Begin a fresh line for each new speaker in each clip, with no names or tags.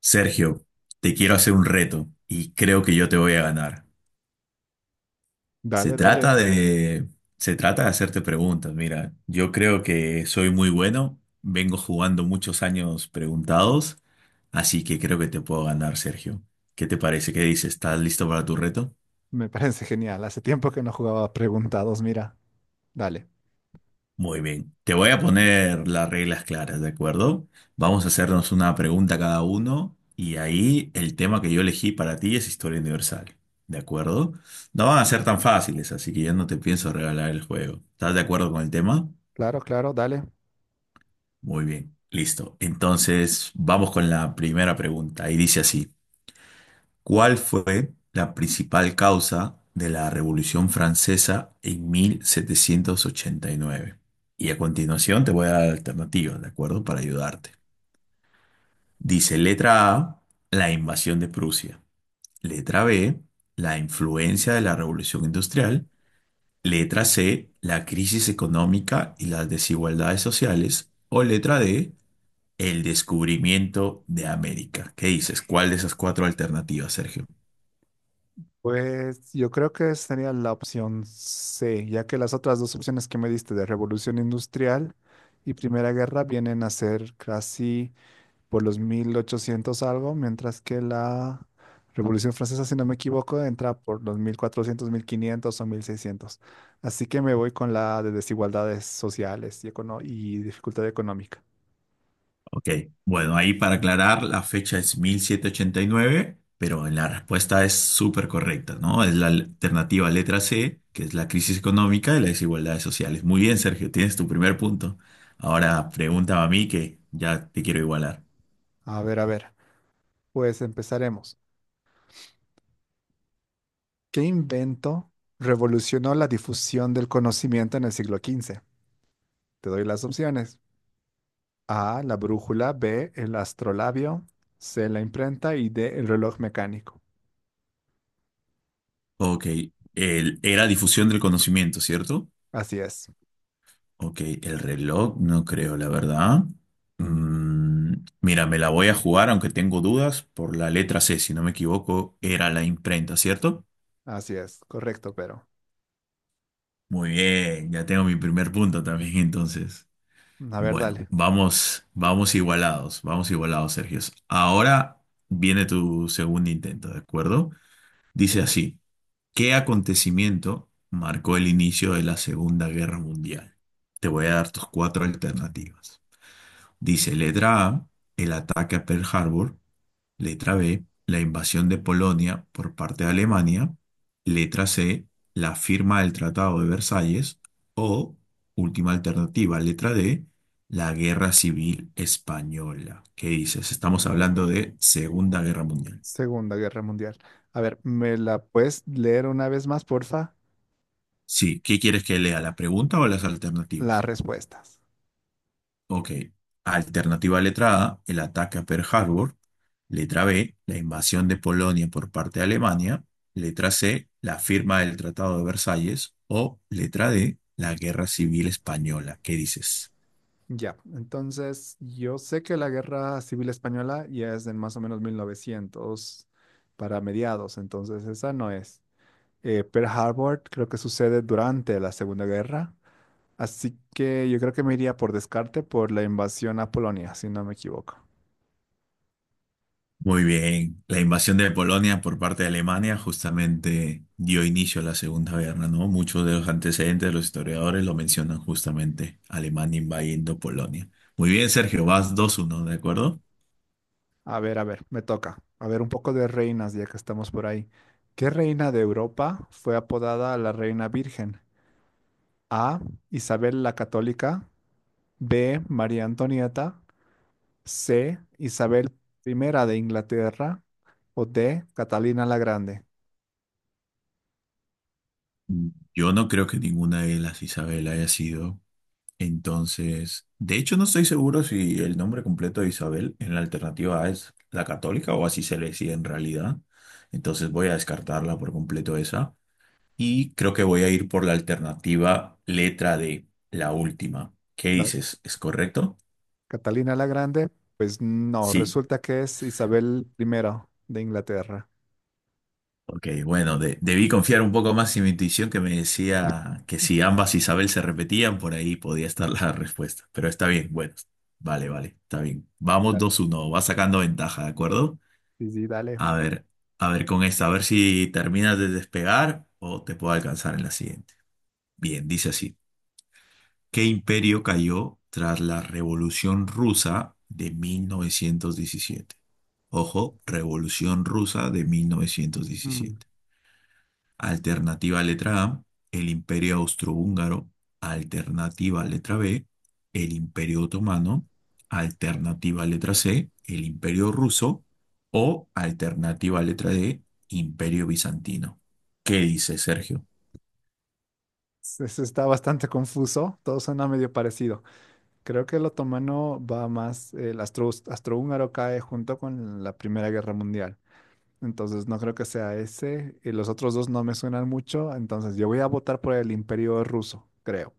Sergio, te quiero hacer un reto y creo que yo te voy a ganar. Se
Dale, dale.
trata de, se trata de hacerte preguntas. Mira, yo creo que soy muy bueno, vengo jugando muchos años preguntados, así que creo que te puedo ganar, Sergio. ¿Qué te parece? ¿Qué dices? ¿Estás listo para tu reto?
Me parece genial. Hace tiempo que no jugaba preguntados, mira. Dale.
Muy bien, te voy a poner las reglas claras, ¿de acuerdo? Vamos a hacernos una pregunta cada uno y ahí el tema que yo elegí para ti es historia universal, ¿de acuerdo? No van a ser tan fáciles, así que ya no te pienso regalar el juego. ¿Estás de acuerdo con el tema?
Claro, claro, dale.
Muy bien, listo. Entonces, vamos con la primera pregunta y dice así. ¿Cuál fue la principal causa de la Revolución Francesa en 1789? Y nueve? Y a continuación te voy a dar alternativas, ¿de acuerdo? Para ayudarte. Dice letra A, la invasión de Prusia. Letra B, la influencia de la Revolución Industrial. Letra C, la crisis económica y las desigualdades sociales. O letra D, el descubrimiento de América. ¿Qué dices? ¿Cuál de esas cuatro alternativas, Sergio?
Pues yo creo que sería la opción C, ya que las otras dos opciones que me diste de Revolución Industrial y Primera Guerra vienen a ser casi por los 1800 algo, mientras que la Revolución Francesa, si no me equivoco, entra por los 1400, 1500 o 1600. Así que me voy con la de desigualdades sociales y dificultad económica.
Ok, bueno, ahí para aclarar, la fecha es mil setecientos ochenta y nueve, pero la respuesta es súper correcta, ¿no? Es la alternativa letra C, que es la crisis económica y las desigualdades sociales. Muy bien, Sergio, tienes tu primer punto. Ahora pregúntame a mí que ya te quiero igualar.
A ver, a ver. Pues empezaremos. ¿Qué invento revolucionó la difusión del conocimiento en el siglo XV? Te doy las opciones. A, la brújula, B, el astrolabio, C, la imprenta y D, el reloj mecánico.
Ok, el, era difusión del conocimiento, ¿cierto?
Así es,
Ok, el reloj, no creo, la verdad. Mm, mira, me la voy a jugar, aunque tengo dudas, por la letra C, si no me equivoco, era la imprenta, ¿cierto?
así es, correcto, pero.
Muy bien, ya tengo mi primer punto también entonces.
A ver,
Bueno,
dale.
vamos, vamos igualados, Sergio. Ahora viene tu segundo intento, ¿de acuerdo? Dice así, ¿qué acontecimiento marcó el inicio de la Segunda Guerra Mundial? Te voy a dar tus cuatro alternativas. Dice letra A, el ataque a Pearl Harbor. Letra B, la invasión de Polonia por parte de Alemania. Letra C, la firma del Tratado de Versalles. O, última alternativa, letra D, la Guerra Civil Española. ¿Qué dices? Estamos hablando de Segunda Guerra Mundial.
Segunda Guerra Mundial. A ver, ¿me la puedes leer una vez más, porfa?
Sí, ¿qué quieres que lea? ¿La pregunta o las
Las
alternativas?
respuestas.
Ok. Alternativa letra A, el ataque a Pearl Harbor. Letra B, la invasión de Polonia por parte de Alemania. Letra C, la firma del Tratado de Versalles. O letra D, la Guerra Civil Española. ¿Qué dices?
Ya, entonces yo sé que la guerra civil española ya es en más o menos 1900 para mediados, entonces esa no es. Pearl Harbor creo que sucede durante la Segunda Guerra, así que yo creo que me iría por descarte por la invasión a Polonia, si no me equivoco.
Muy bien. La invasión de Polonia por parte de Alemania justamente dio inicio a la Segunda Guerra, ¿no? Muchos de los antecedentes de los historiadores lo mencionan justamente, Alemania invadiendo Polonia. Muy bien, Sergio, vas dos uno, ¿de acuerdo?
A ver, me toca. A ver, un poco de reinas ya que estamos por ahí. ¿Qué reina de Europa fue apodada la Reina Virgen? A. Isabel la Católica. B. María Antonieta. C, Isabel I de Inglaterra o D, Catalina la Grande.
Yo no creo que ninguna de las Isabel haya sido. Entonces, de hecho, no estoy seguro si el nombre completo de Isabel en la alternativa A es la católica o así se le decía en realidad. Entonces voy a descartarla por completo esa. Y creo que voy a ir por la alternativa letra D, la última. ¿Qué
La-
dices? ¿Es correcto?
Catalina la Grande, pues no,
Sí,
resulta que es Isabel I de Inglaterra.
ok, bueno, debí confiar un poco más en mi intuición que me decía que si ambas Isabel se repetían, por ahí podía estar la respuesta. Pero está bien, bueno, vale, vale, está bien. Vamos
Dale.
2-1, va sacando ventaja, ¿de acuerdo?
Sí, sí, dale.
A ver, a ver con esta, a ver si terminas de despegar o te puedo alcanzar en la siguiente. Bien, dice así. ¿Qué imperio cayó tras la Revolución Rusa de 1917? Ojo, Revolución Rusa de
Mm,
1917. Alternativa letra A, el Imperio Austrohúngaro. Alternativa letra B, el Imperio Otomano. Alternativa letra C, el Imperio Ruso. O alternativa letra D, Imperio Bizantino. ¿Qué dice Sergio?
Está bastante confuso, todo suena medio parecido. Creo que el otomano va más, el astrohúngaro cae junto con la Primera Guerra Mundial. Entonces no creo que sea ese, y los otros dos no me suenan mucho, entonces yo voy a votar por el Imperio Ruso, creo.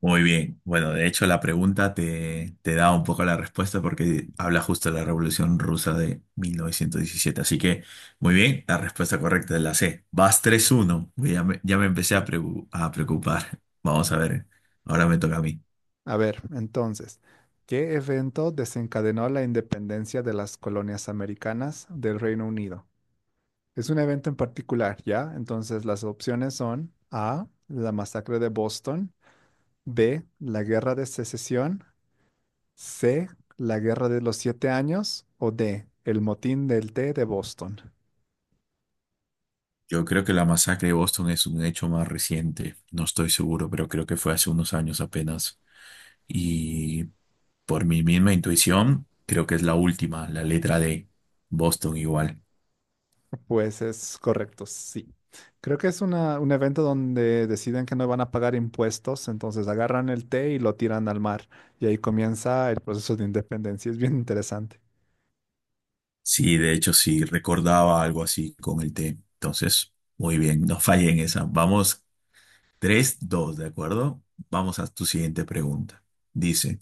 Muy bien. Bueno, de hecho la pregunta te da un poco la respuesta porque habla justo de la Revolución Rusa de 1917. Así que, muy bien, la respuesta correcta es la C. Vas tres uno. Ya me empecé a, preocupar. Vamos a ver, ahora me toca a mí.
A ver, entonces, ¿qué evento desencadenó la independencia de las colonias americanas del Reino Unido? Es un evento en particular, ¿ya? Entonces, las opciones son A, la masacre de Boston, B, la guerra de secesión, C, la guerra de los siete años o D, el motín del té de Boston.
Yo creo que la masacre de Boston es un hecho más reciente. No estoy seguro, pero creo que fue hace unos años apenas. Y por mi misma intuición, creo que es la última, la letra D. Boston igual.
Pues es correcto, sí. Creo que es un evento donde deciden que no van a pagar impuestos, entonces agarran el té y lo tiran al mar y ahí comienza el proceso de independencia. Es bien interesante.
Sí, de hecho, sí, recordaba algo así con el té. Entonces, muy bien, no fallé en esa. Vamos, tres, dos, ¿de acuerdo? Vamos a tu siguiente pregunta. Dice,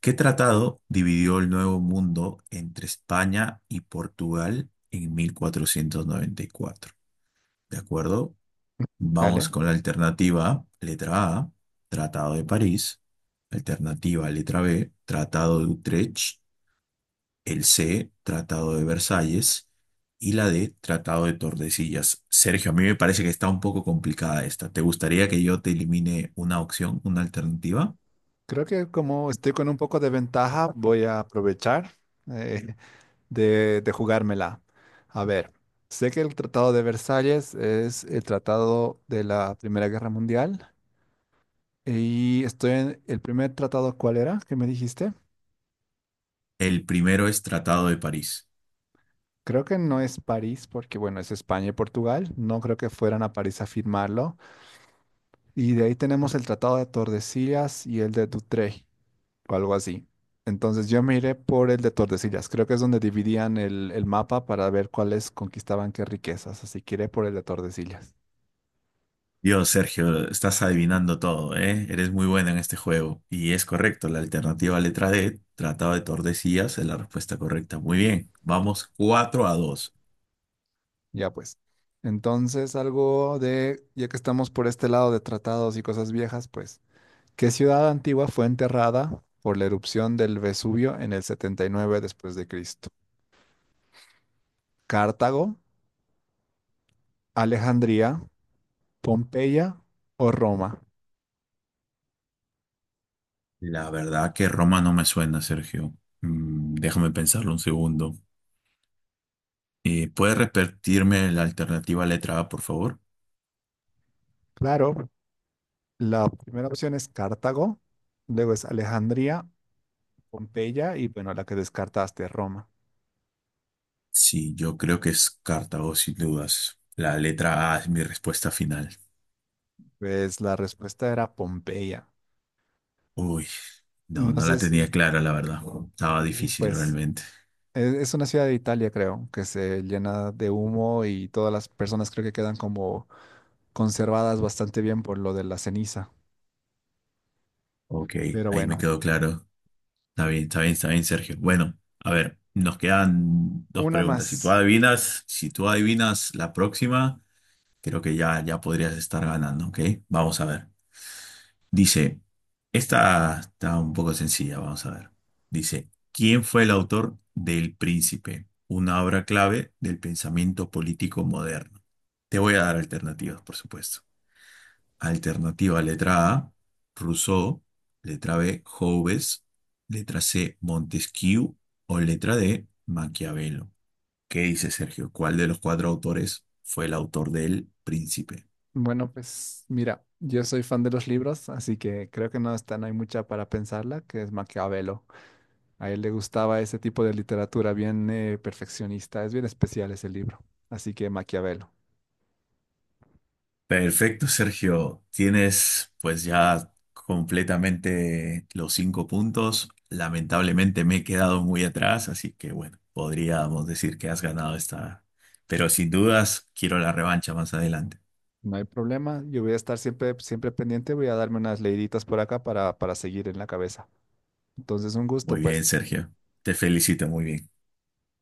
¿qué tratado dividió el Nuevo Mundo entre España y Portugal en mil cuatrocientos noventa y cuatro? ¿De acuerdo? Vamos
Dale.
con la alternativa, letra A, Tratado de París. Alternativa, letra B, Tratado de Utrecht, el C, Tratado de Versalles, y la D, Tratado de Tordesillas. Sergio, a mí me parece que está un poco complicada esta. ¿Te gustaría que yo te elimine una opción, una alternativa?
Creo que como estoy con un poco de ventaja, voy a aprovechar eh, de jugármela. A ver, sé que el Tratado de Versalles es el tratado de la Primera Guerra Mundial y estoy en el primer tratado, ¿cuál era? ¿Qué me dijiste?
El primero es Tratado de París.
Creo que no es París, porque bueno, es España y Portugal. No creo que fueran a París a firmarlo. Y de ahí tenemos el Tratado de Tordesillas y el de Utrecht, o algo así. Entonces yo me iré por el de Tordesillas. Creo que es donde dividían el mapa para ver cuáles conquistaban qué riquezas. Así que iré por el de Tordesillas.
Dios, Sergio, estás adivinando todo, ¿eh? Eres muy bueno en este juego. Y es correcto, la alternativa letra D, Tratado de Tordesillas, es la respuesta correcta. Muy bien, vamos 4 a dos.
Ya pues. Entonces algo de, ya que estamos por este lado de tratados y cosas viejas, pues, ¿qué ciudad antigua fue enterrada por la erupción del Vesubio en el 79 después de Cristo? Cartago, Alejandría, Pompeya o Roma.
La verdad que Roma no me suena, Sergio. Mm, déjame pensarlo un segundo. ¿Puedes repetirme la alternativa letra A, por favor?
Claro, la primera opción es Cartago, luego es Alejandría, Pompeya y bueno, la que descartaste, Roma.
Sí, yo creo que es Cartago, sin dudas. La letra A es mi respuesta final.
Pues la respuesta era Pompeya.
Uy, no,
No
no la
sé si,
tenía clara, la verdad. Estaba
sí,
difícil
pues
realmente.
es, una ciudad de Italia, creo, que se llena de humo y todas las personas creo que quedan como conservadas bastante bien por lo de la ceniza.
Ok,
Pero
ahí me
bueno,
quedó claro. Está bien, está bien, está bien, Sergio. Bueno, a ver, nos quedan dos
una
preguntas. Si tú
más.
adivinas, si tú adivinas la próxima, creo que ya, ya podrías estar ganando, ¿ok? Vamos a ver. Dice, esta está un poco sencilla, vamos a ver. Dice, ¿quién fue el autor del Príncipe? Una obra clave del pensamiento político moderno. Te voy a dar alternativas, por supuesto. Alternativa letra A, Rousseau, letra B, Hobbes, letra C, Montesquieu o letra D, Maquiavelo. ¿Qué dice Sergio? ¿Cuál de los cuatro autores fue el autor del Príncipe?
Bueno, pues mira, yo soy fan de los libros, así que creo que no está, no hay mucha para pensarla, que es Maquiavelo. A él le gustaba ese tipo de literatura bien perfeccionista, es bien especial ese libro, así que Maquiavelo.
Perfecto, Sergio. Tienes pues ya completamente los 5 puntos. Lamentablemente me he quedado muy atrás, así que bueno, podríamos decir que has ganado esta, pero sin dudas quiero la revancha más adelante.
No hay problema, yo voy a estar siempre, siempre pendiente, voy a darme unas leiditas por acá para seguir en la cabeza. Entonces, un
Muy
gusto,
bien,
pues.
Sergio. Te felicito, muy bien.